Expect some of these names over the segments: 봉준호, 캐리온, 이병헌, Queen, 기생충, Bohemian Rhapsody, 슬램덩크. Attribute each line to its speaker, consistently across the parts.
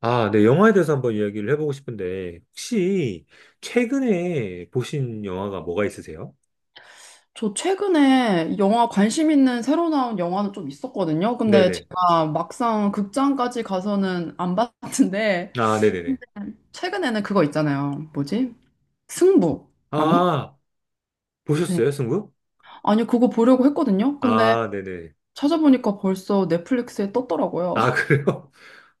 Speaker 1: 아, 네, 영화에 대해서 한번 이야기를 해보고 싶은데, 혹시 최근에 보신 영화가 뭐가 있으세요?
Speaker 2: 저 최근에 영화 관심 있는 새로 나온 영화는 좀 있었거든요. 근데
Speaker 1: 네네.
Speaker 2: 제가 막상 극장까지 가서는 안 봤는데,
Speaker 1: 아, 네네네.
Speaker 2: 근데 최근에는 그거 있잖아요. 뭐지? 승부. 맞니?
Speaker 1: 아,
Speaker 2: 네.
Speaker 1: 보셨어요, 승부?
Speaker 2: 아니, 그거 보려고 했거든요. 근데
Speaker 1: 아, 네네.
Speaker 2: 찾아보니까 벌써 넷플릭스에 떴더라고요.
Speaker 1: 아, 그래요?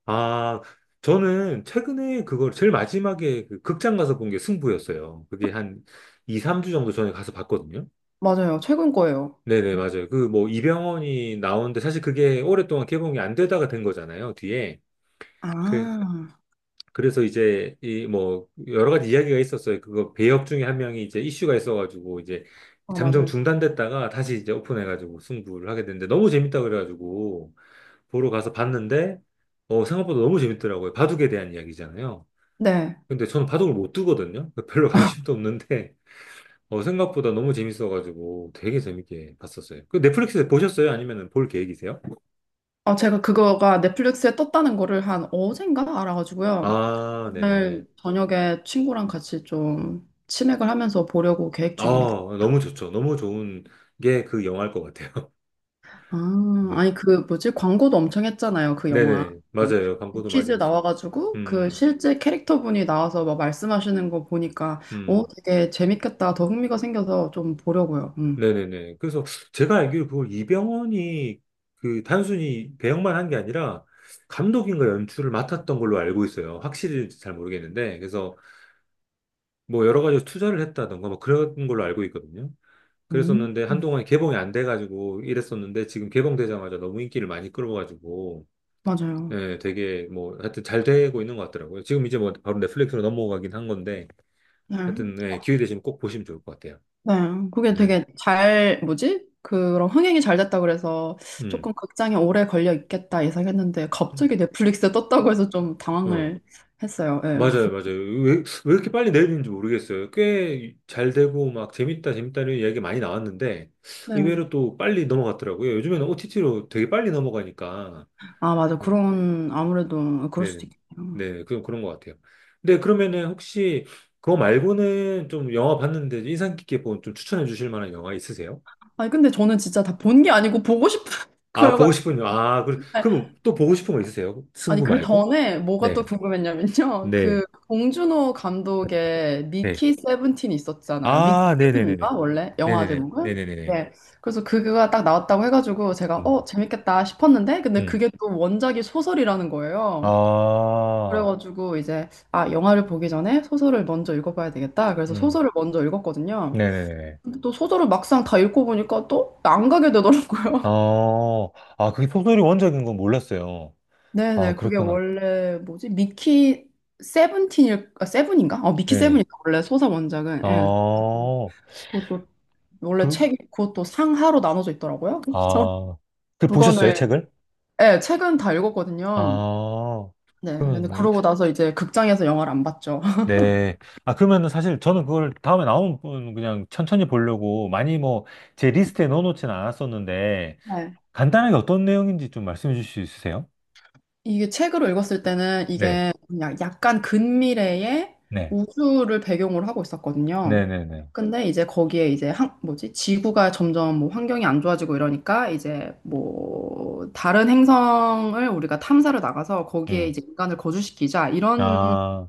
Speaker 1: 아, 저는 최근에 그걸 제일 마지막에 그 극장 가서 본 게 승부였어요. 그게 한 2, 3주 정도 전에 가서 봤거든요.
Speaker 2: 맞아요. 최근 거예요.
Speaker 1: 네네, 맞아요. 그 뭐 이병헌이 나오는데 사실 그게 오랫동안 개봉이 안 되다가 된 거잖아요, 뒤에. 그
Speaker 2: 아,
Speaker 1: 그래서 이제 이 뭐 여러 가지 이야기가 있었어요. 그거 배역 중에 한 명이 이제 이슈가 있어가지고 이제
Speaker 2: 아,
Speaker 1: 잠정
Speaker 2: 맞아요.
Speaker 1: 중단됐다가 다시 이제 오픈해가지고 승부를 하게 됐는데 너무 재밌다 그래가지고 보러 가서 봤는데 어 생각보다 너무 재밌더라고요. 바둑에 대한 이야기잖아요.
Speaker 2: 네.
Speaker 1: 근데 저는 바둑을 못 두거든요. 별로 관심도 없는데 어 생각보다 너무 재밌어가지고 되게 재밌게 봤었어요. 그 넷플릭스에 보셨어요? 아니면 볼 계획이세요?
Speaker 2: 아, 제가 그거가 넷플릭스에 떴다는 거를 한 어젠가 알아가지고요.
Speaker 1: 아, 네네.
Speaker 2: 오늘 저녁에 친구랑 같이 좀 치맥을 하면서 보려고 계획
Speaker 1: 아,
Speaker 2: 중입니다.
Speaker 1: 너무 좋죠. 너무 좋은 게 그 영화일 것 같아요.
Speaker 2: 아, 아니 그 뭐지? 광고도 엄청 했잖아요, 그 영화.
Speaker 1: 네네,
Speaker 2: 음.
Speaker 1: 맞아요. 광고도
Speaker 2: 퀴즈
Speaker 1: 많이 했어.
Speaker 2: 나와가지고 그
Speaker 1: 음,
Speaker 2: 실제 캐릭터분이 나와서 막 말씀하시는 거 보니까
Speaker 1: 음, 음.
Speaker 2: 되게 재밌겠다. 더 흥미가 생겨서 좀 보려고요. 음.
Speaker 1: 네네네. 그래서 제가 알기로 그걸 이병헌이 그 단순히 배역만 한 게 아니라 감독인가 연출을 맡았던 걸로 알고 있어요. 확실히 잘 모르겠는데. 그래서 뭐 여러 가지 투자를 했다던가 뭐 그런 걸로 알고 있거든요.
Speaker 2: 음.
Speaker 1: 그랬었는데 한동안 개봉이 안 돼가지고 이랬었는데 지금 개봉되자마자 너무 인기를 많이 끌어가지고
Speaker 2: 맞아요.
Speaker 1: 예, 되게 뭐 하여튼 잘 되고 있는 것 같더라고요. 지금 이제 뭐 바로 넷플릭스로 넘어가긴 한 건데
Speaker 2: 네.
Speaker 1: 하여튼 예, 기회 되시면 꼭 보시면 좋을 것 같아요.
Speaker 2: 네, 그게
Speaker 1: 네.
Speaker 2: 되게 잘, 뭐지? 그런 흥행이 잘 됐다 그래서
Speaker 1: 음.
Speaker 2: 조금 극장에 오래 걸려 있겠다 예상했는데
Speaker 1: 음.
Speaker 2: 갑자기 넷플릭스에
Speaker 1: 어,
Speaker 2: 떴다고 해서 좀
Speaker 1: 어.
Speaker 2: 당황을 했어요. 예.
Speaker 1: 맞아요, 맞아요. 왜 이렇게 빨리 내리는지 모르겠어요. 꽤 잘 되고, 막, 재밌다, 재밌다는 이야기 많이 나왔는데,
Speaker 2: 네.
Speaker 1: 의외로 또 빨리 넘어갔더라고요. 요즘에는 OTT로 되게 빨리 넘어가니까.
Speaker 2: 아, 맞아.
Speaker 1: 네,
Speaker 2: 그런, 아무래도 그럴
Speaker 1: 네, 네.
Speaker 2: 수도 있겠네요.
Speaker 1: 네, 그런 것 같아요. 근데 그러면은 혹시 그거 말고는 좀 영화 봤는데 인상 깊게 본 좀 추천해 주실 만한 영화 있으세요?
Speaker 2: 아니, 근데 저는 진짜 다 본 게 아니고 보고 싶은
Speaker 1: 아, 보고
Speaker 2: 거여가지고.
Speaker 1: 싶은, 영화. 아, 그럼 또 보고 싶은 거 있으세요?
Speaker 2: 아니,
Speaker 1: 승부
Speaker 2: 그
Speaker 1: 말고?
Speaker 2: 전에 뭐가
Speaker 1: 네,
Speaker 2: 또 궁금했냐면요. 그
Speaker 1: 네,
Speaker 2: 봉준호 감독의
Speaker 1: 네.
Speaker 2: 미키 세븐틴이 있었잖아요. 미키
Speaker 1: 아, 네네네네.
Speaker 2: 세븐인가? 원래 영화
Speaker 1: 네네네.
Speaker 2: 제목은?
Speaker 1: 네네네네.
Speaker 2: 네. 그래서 그거가 딱 나왔다고 해가지고 제가
Speaker 1: 음.
Speaker 2: 재밌겠다 싶었는데 근데
Speaker 1: 음.
Speaker 2: 그게 또 원작이 소설이라는 거예요.
Speaker 1: 아,
Speaker 2: 그래가지고 이제 아, 영화를 보기 전에 소설을 먼저 읽어봐야 되겠다. 그래서
Speaker 1: 음.
Speaker 2: 소설을 먼저 읽었거든요.
Speaker 1: 네네네네.
Speaker 2: 근데 또 소설을 막상 다 읽고 보니까 또 안 가게 되더라고요.
Speaker 1: 어, 아, 그게 소설이 원작인 건 몰랐어요. 아,
Speaker 2: 네네, 그게
Speaker 1: 그랬구나.
Speaker 2: 원래 뭐지? 미키 세븐틴일, 아, 세븐인가? 미키
Speaker 1: 네.
Speaker 2: 세븐인가? 원래 소설 원작은. 예.
Speaker 1: 어,
Speaker 2: 그것도 원래
Speaker 1: 그,
Speaker 2: 책, 그것도 상하로 나눠져 있더라고요. 그래서
Speaker 1: 아, 그
Speaker 2: 두
Speaker 1: 보셨어요,
Speaker 2: 권을,
Speaker 1: 책을?
Speaker 2: 예, 책은 다 읽었거든요.
Speaker 1: 아,
Speaker 2: 네, 근데
Speaker 1: 그러면,
Speaker 2: 그러고 나서 이제 극장에서 영화를 안 봤죠.
Speaker 1: 네. 아, 그러면은 사실 저는 그걸 다음에 나오면 그냥 천천히 보려고 많이 뭐 제 리스트에 넣어놓지는 않았었는데
Speaker 2: 네.
Speaker 1: 간단하게 어떤 내용인지 좀 말씀해 주실 수 있으세요?
Speaker 2: 이게 책으로 읽었을 때는
Speaker 1: 네.
Speaker 2: 이게 그냥 약간 근미래의
Speaker 1: 네.
Speaker 2: 우주를 배경으로 하고 있었거든요.
Speaker 1: 네네네.
Speaker 2: 근데 이제 거기에 이제 한, 뭐지? 지구가 점점 뭐 환경이 안 좋아지고 이러니까 이제 뭐 다른 행성을 우리가 탐사를 나가서 거기에
Speaker 1: 음.
Speaker 2: 이제 인간을 거주시키자 이런
Speaker 1: 아,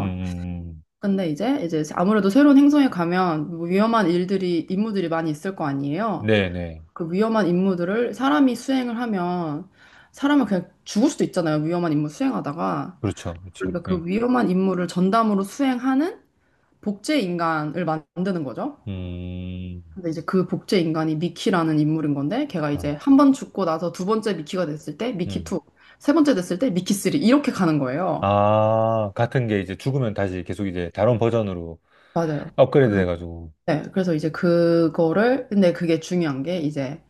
Speaker 1: 음, 음,
Speaker 2: 근데 이제 아무래도 새로운 행성에 가면 뭐 위험한 일들이 임무들이 많이 있을 거 아니에요.
Speaker 1: 네네.
Speaker 2: 그 위험한 임무들을 사람이 수행을 하면 사람은 그냥 죽을 수도 있잖아요. 위험한 임무 수행하다가.
Speaker 1: 그렇죠. 그렇죠.
Speaker 2: 그러니까 그 위험한 임무를 전담으로 수행하는 복제 인간을 만드는 거죠.
Speaker 1: 예.
Speaker 2: 근데 이제 그 복제 인간이 미키라는 인물인 건데 걔가
Speaker 1: 아,
Speaker 2: 이제 한 번 죽고 나서 두 번째 미키가 됐을 때 미키 2,
Speaker 1: 음.
Speaker 2: 세 번째 됐을 때 미키 3 이렇게 가는 거예요.
Speaker 1: 아, 같은 게 이제 죽으면 다시 계속 이제 다른 버전으로
Speaker 2: 맞아요.
Speaker 1: 업그레이드
Speaker 2: 그-
Speaker 1: 돼가지고.
Speaker 2: 네, 그래서 이제 그거를 근데 그게 중요한 게 이제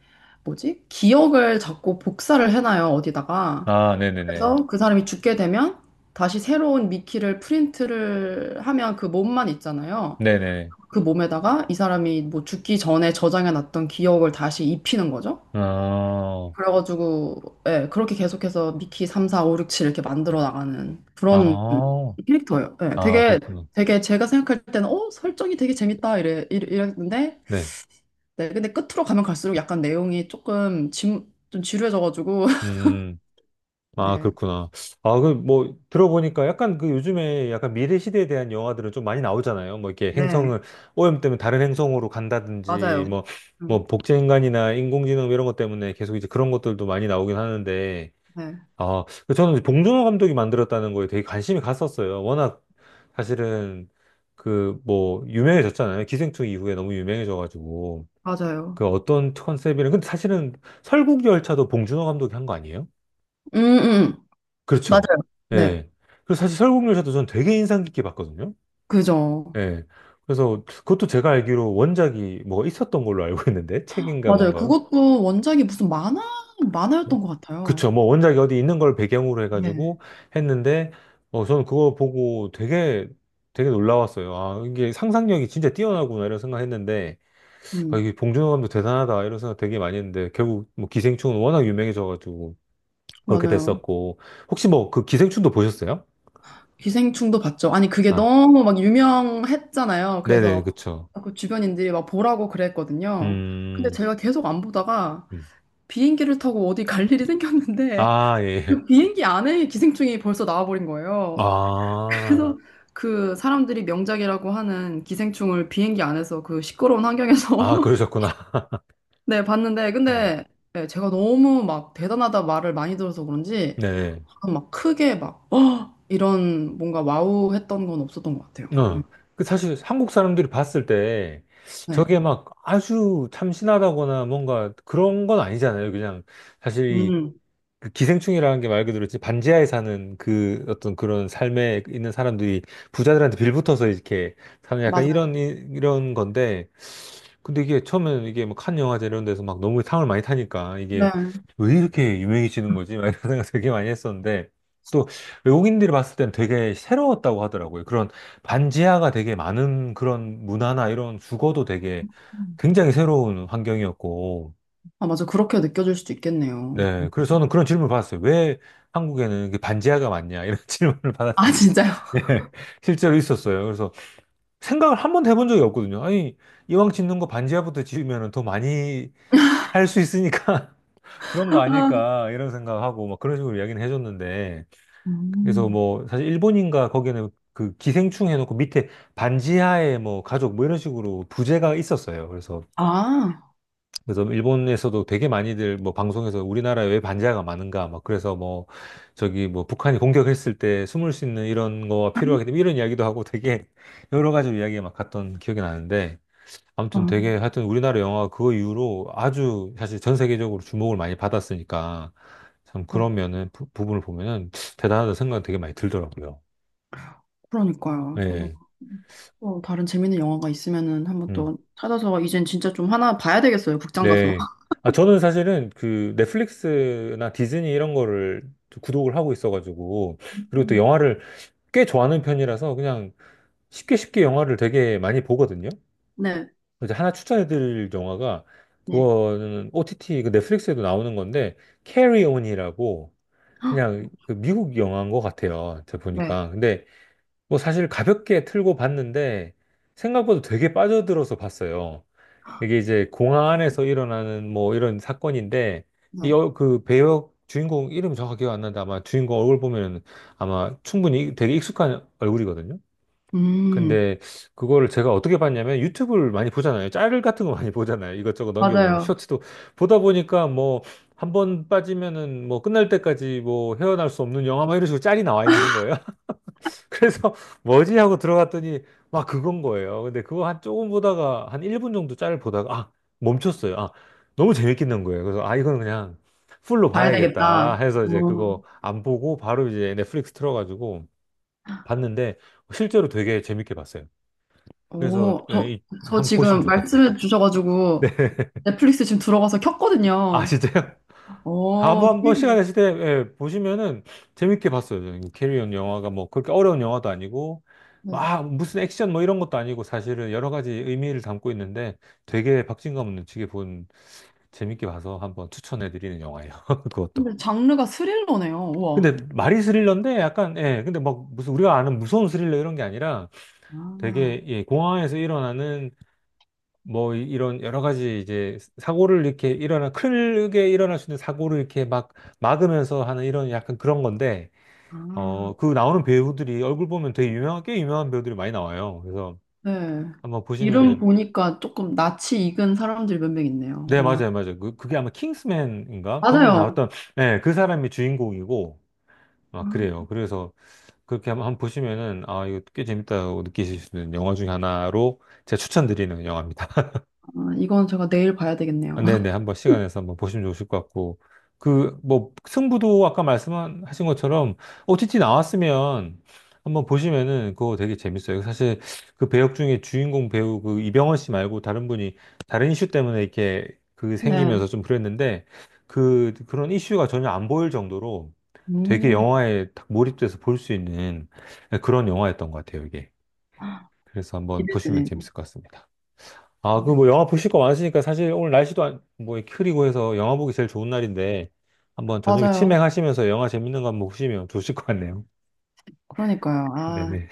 Speaker 2: 뭐지? 기억을 자꾸 복사를 해놔요, 어디다가.
Speaker 1: 아, 네네네.
Speaker 2: 그래서 그 사람이 죽게 되면 다시 새로운 미끼를 프린트를 하면 그 몸만 있잖아요.
Speaker 1: 네네.
Speaker 2: 그 몸에다가 이 사람이 뭐 죽기 전에 저장해 놨던 기억을 다시 입히는 거죠.
Speaker 1: 아,
Speaker 2: 그래가지고 예, 그렇게 계속해서 미키 3, 4, 5, 6, 7 이렇게 만들어 나가는 그런
Speaker 1: 아,
Speaker 2: 캐릭터예요. 예,
Speaker 1: 아,
Speaker 2: 되게
Speaker 1: 그렇구나.
Speaker 2: 되게 제가 생각할 때는 설정이 되게 재밌다 이랬는데
Speaker 1: 네.
Speaker 2: 네, 근데 끝으로 가면 갈수록 약간 내용이 조금 좀 지루해져가지고
Speaker 1: 음. 아,
Speaker 2: 네,
Speaker 1: 그렇구나. 아, 그, 뭐, 들어보니까 약간 그 요즘에 약간 미래 시대에 대한 영화들은 좀 많이 나오잖아요. 뭐, 이렇게
Speaker 2: 네,
Speaker 1: 행성을 오염 때문에 다른 행성으로 간다든지,
Speaker 2: 맞아요.
Speaker 1: 뭐,
Speaker 2: 음,
Speaker 1: 뭐, 복제인간이나 인공지능 이런 것 때문에 계속 이제 그런 것들도 많이 나오긴 하는데,
Speaker 2: 네.
Speaker 1: 아, 그 저는 이제 봉준호 감독이 만들었다는 거에 되게 관심이 갔었어요. 워낙 사실은 그, 뭐, 유명해졌잖아요. 기생충 이후에 너무 유명해져가지고.
Speaker 2: 맞아요.
Speaker 1: 그 어떤 컨셉이랑, 근데 사실은 설국열차도 봉준호 감독이 한 거 아니에요?
Speaker 2: 음, 음.
Speaker 1: 그렇죠.
Speaker 2: 맞아요. 네.
Speaker 1: 예. 그리고 사실 설국열차도 전 되게 인상 깊게 봤거든요.
Speaker 2: 그죠.
Speaker 1: 예. 그래서 그것도 제가 알기로 원작이 뭐 있었던 걸로 알고 있는데, 책인가
Speaker 2: 맞아요.
Speaker 1: 뭔가.
Speaker 2: 그것도 원작이 무슨 만화였던 것 같아요.
Speaker 1: 그쵸. 뭐 원작이 어디 있는 걸 배경으로
Speaker 2: 네.
Speaker 1: 해가지고 했는데, 어, 저는 그거 보고 되게 놀라웠어요. 아, 이게 상상력이 진짜 뛰어나구나 이런 생각했는데, 아,
Speaker 2: 음,
Speaker 1: 이게 봉준호 감독 대단하다 이런 생각 되게 많이 했는데, 결국 뭐 기생충은 워낙 유명해져가지고 그렇게
Speaker 2: 맞아요.
Speaker 1: 됐었고, 혹시 뭐 그 기생충도 보셨어요?
Speaker 2: 기생충도 봤죠. 아니, 그게
Speaker 1: 아,
Speaker 2: 너무 막 유명했잖아요. 그래서
Speaker 1: 네네, 그쵸.
Speaker 2: 그 주변인들이 막 보라고 그랬거든요. 근데
Speaker 1: 음,
Speaker 2: 제가 계속 안 보다가
Speaker 1: 음.
Speaker 2: 비행기를 타고 어디 갈 일이 생겼는데
Speaker 1: 아, 예.
Speaker 2: 그 비행기 안에 기생충이 벌써 나와버린 거예요.
Speaker 1: 아,
Speaker 2: 그래서 그 사람들이 명작이라고 하는 기생충을 비행기 안에서 그 시끄러운
Speaker 1: 아,
Speaker 2: 환경에서
Speaker 1: 그러셨구나.
Speaker 2: 네, 봤는데,
Speaker 1: 음,
Speaker 2: 근데, 네, 제가 너무 막 대단하다 말을 많이 들어서 그런지,
Speaker 1: 네.
Speaker 2: 막 크게 막, 어! 이런 뭔가 와우 했던 건 없었던 것 같아요.
Speaker 1: 어. 그 사실 한국 사람들이 봤을 때
Speaker 2: 네.
Speaker 1: 저게 막 아주 참신하다거나 뭔가 그런 건 아니잖아요. 그냥 사실
Speaker 2: 음,
Speaker 1: 이그 기생충이라는 게 말 그대로 지 반지하에 사는 그 어떤 그런 삶에 있는 사람들이 부자들한테 빌붙어서 이렇게 사는 약간
Speaker 2: 맞아요.
Speaker 1: 이런, 이런 건데 근데 이게 처음에는 이게 뭐칸 영화제 이런 데서 막 너무 상을 많이 타니까 이게
Speaker 2: 네.
Speaker 1: 왜 이렇게 유명해지는 거지? 막 이런 생각 되게 많이 했었는데 또 외국인들이 봤을 땐 되게 새로웠다고 하더라고요. 그런 반지하가 되게 많은 그런 문화나 이런 주거도 되게 굉장히 새로운 환경이었고
Speaker 2: 아, 맞아. 그렇게 느껴질 수도 있겠네요.
Speaker 1: 네. 그래서 저는 그런 질문을 받았어요. 왜 한국에는 이게 반지하가 많냐? 이런 질문을
Speaker 2: 아,
Speaker 1: 받았습니다.
Speaker 2: 진짜요?
Speaker 1: 네, 실제로 있었어요. 그래서 생각을 한 번도 해본 적이 없거든요. 아니, 이왕 짓는 거 반지하부터 지으면 더 많이 할 수 있으니까 그런 거 아닐까 이런 생각하고 막 그런 식으로 이야기는 해줬는데 그래서
Speaker 2: 음.
Speaker 1: 뭐 사실 일본인가 거기는 그 기생충 해놓고 밑에 반지하에 뭐 가족 뭐 이런 식으로 부제가 있었어요. 그래서
Speaker 2: 아,
Speaker 1: 그래서 일본에서도 되게 많이들 뭐 방송에서 우리나라에 왜 반지하가 많은가 막 그래서 뭐 저기 뭐 북한이 공격했을 때 숨을 수 있는 이런 거가 필요하기 때문에 이런 이야기도 하고 되게 여러 가지 이야기가 막 갔던 기억이 나는데
Speaker 2: 아,
Speaker 1: 아무튼 되게 하여튼 우리나라 영화가 그 이후로 아주 사실 전 세계적으로 주목을 많이 받았으니까 참
Speaker 2: 아,
Speaker 1: 그러면은 부, 분을 보면은 대단하다 생각이 되게 많이 들더라고요.
Speaker 2: 그러니까요. 저도
Speaker 1: 네.
Speaker 2: 또 다른 재밌는 영화가 있으면은 한번
Speaker 1: 음.
Speaker 2: 또 찾아서, 이젠 진짜 좀 하나 봐야 되겠어요. 극장 가서.
Speaker 1: 네. 아, 저는 사실은 그 넷플릭스나 디즈니 이런 거를 좀 구독을 하고 있어가지고 그리고 또
Speaker 2: 음.
Speaker 1: 영화를 꽤 좋아하는 편이라서 그냥 쉽게 쉽게 영화를 되게 많이 보거든요.
Speaker 2: 네,
Speaker 1: 이제 하나 추천해드릴 영화가
Speaker 2: 네.
Speaker 1: 그거는 OTT 그 넷플릭스에도 나오는 건데 캐리온이라고
Speaker 2: 헉,
Speaker 1: 그냥 그 미국 영화인 것 같아요. 제가
Speaker 2: 네,
Speaker 1: 보니까. 근데 뭐 사실 가볍게 틀고 봤는데 생각보다 되게 빠져들어서 봤어요. 이게 이제 공항 안에서 일어나는 뭐 이런 사건인데 이
Speaker 2: 네.
Speaker 1: 어, 그 배역 주인공 이름 정확히 기억 안 나는데 아마 주인공 얼굴 보면 아마 충분히 되게 익숙한 얼굴이거든요.
Speaker 2: 음,
Speaker 1: 근데 그거를 제가 어떻게 봤냐면 유튜브를 많이 보잖아요. 짤 같은 거 많이 보잖아요. 이것저것 넘겨보면
Speaker 2: 맞아요.
Speaker 1: 쇼츠도 보다 보니까 뭐 한 번 빠지면은 뭐 끝날 때까지 뭐 헤어날 수 없는 영화 막 이런 식으로 짤이 나와 있는 거예요. 그래서 뭐지 하고 들어갔더니 막 그건 거예요. 근데 그거 한 조금 보다가 한 1분 정도 짤 보다가 아 멈췄어요. 아 너무 재밌겠는 거예요. 그래서 아 이건 그냥 풀로
Speaker 2: 봐야
Speaker 1: 봐야겠다
Speaker 2: 되겠다.
Speaker 1: 해서 이제 그거 안 보고 바로 이제 넷플릭스 틀어가지고 봤는데 실제로 되게 재밌게 봤어요. 그래서
Speaker 2: 어,
Speaker 1: 예,
Speaker 2: 저, 저
Speaker 1: 한번 보시면
Speaker 2: 지금
Speaker 1: 좋을 것 같아요.
Speaker 2: 말씀해 주셔가지고
Speaker 1: 네.
Speaker 2: 넷플릭스 지금 들어가서
Speaker 1: 아,
Speaker 2: 켰거든요.
Speaker 1: 진짜요?
Speaker 2: 어,
Speaker 1: 한번 한번 시간
Speaker 2: 퀴리.
Speaker 1: 되실 때 예, 보시면은 재밌게 봤어요. 저는 캐리온 영화가 뭐 그렇게 어려운 영화도 아니고
Speaker 2: 네.
Speaker 1: 막 무슨 액션 뭐 이런 것도 아니고 사실은 여러 가지 의미를 담고 있는데 되게 박진감 넘치게 본 재밌게 봐서 한번 추천해 드리는 영화예요. 그것도.
Speaker 2: 근데 장르가 스릴러네요. 우와.
Speaker 1: 근데 말이 스릴러인데 약간 예 근데 막 무슨 우리가 아는 무서운 스릴러 이런 게 아니라
Speaker 2: 아,
Speaker 1: 되게 예, 공항에서 일어나는 뭐 이런 여러 가지 이제 사고를 이렇게 일어나 크게 일어날 수 있는 사고를 이렇게 막 막으면서 하는 이런 약간 그런 건데
Speaker 2: 아.
Speaker 1: 어 그 나오는 배우들이 얼굴 보면 되게 유명한 꽤 유명한 배우들이 많이 나와요. 그래서
Speaker 2: 네.
Speaker 1: 한번
Speaker 2: 이름
Speaker 1: 보시면은
Speaker 2: 보니까 조금 낯이 익은 사람들이 몇 명 있네요.
Speaker 1: 네
Speaker 2: 와.
Speaker 1: 맞아요 맞아요 그게 아마 킹스맨인가 거기
Speaker 2: 맞아요.
Speaker 1: 나왔던 네그 사람이 주인공이고 아
Speaker 2: 아,
Speaker 1: 그래요. 그래서 그렇게 한번 한번 보시면은 아 이거 꽤 재밌다고 느끼실 수 있는 영화 중에 하나로 제가 추천드리는 영화입니다.
Speaker 2: 아, 이건 제가 내일 봐야
Speaker 1: 아,
Speaker 2: 되겠네요.
Speaker 1: 네네. 한번 시간 내서 한번 보시면 좋으실 것 같고. 그, 뭐, 승부도 아까 말씀하신 것처럼 OTT 나왔으면 한번 보시면은 그거 되게 재밌어요. 사실 그 배역 중에 주인공 배우 그 이병헌 씨 말고 다른 분이 다른 이슈 때문에 이렇게 그
Speaker 2: 네.
Speaker 1: 생기면서 좀 그랬는데 그런 이슈가 전혀 안 보일 정도로 되게
Speaker 2: 음,
Speaker 1: 영화에 딱 몰입돼서 볼 수 있는 그런 영화였던 것 같아요, 이게. 그래서 한번 보시면
Speaker 2: 기대되네요.
Speaker 1: 재밌을 것 같습니다. 아, 그
Speaker 2: 네.
Speaker 1: 뭐 영화 보실 거 많으시니까 사실 오늘 날씨도 뭐 흐리고 해서 영화 보기 제일 좋은 날인데 한번 저녁에
Speaker 2: 맞아요.
Speaker 1: 치맥하시면서 영화 재밌는 거 한번 보시면 좋으실 것 같네요.
Speaker 2: 그러니까요. 아,
Speaker 1: 네네.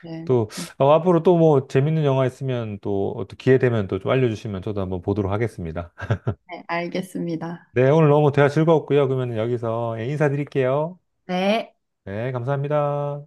Speaker 2: 네.
Speaker 1: 또 어, 앞으로 또 뭐 재밌는 영화 있으면 또 어떤 기회 되면 또 좀 알려주시면 저도 한번 보도록 하겠습니다.
Speaker 2: 네, 알겠습니다.
Speaker 1: 네, 오늘 너무 대화 즐거웠고요. 그러면 여기서 예, 인사드릴게요.
Speaker 2: 네.
Speaker 1: 네, 감사합니다.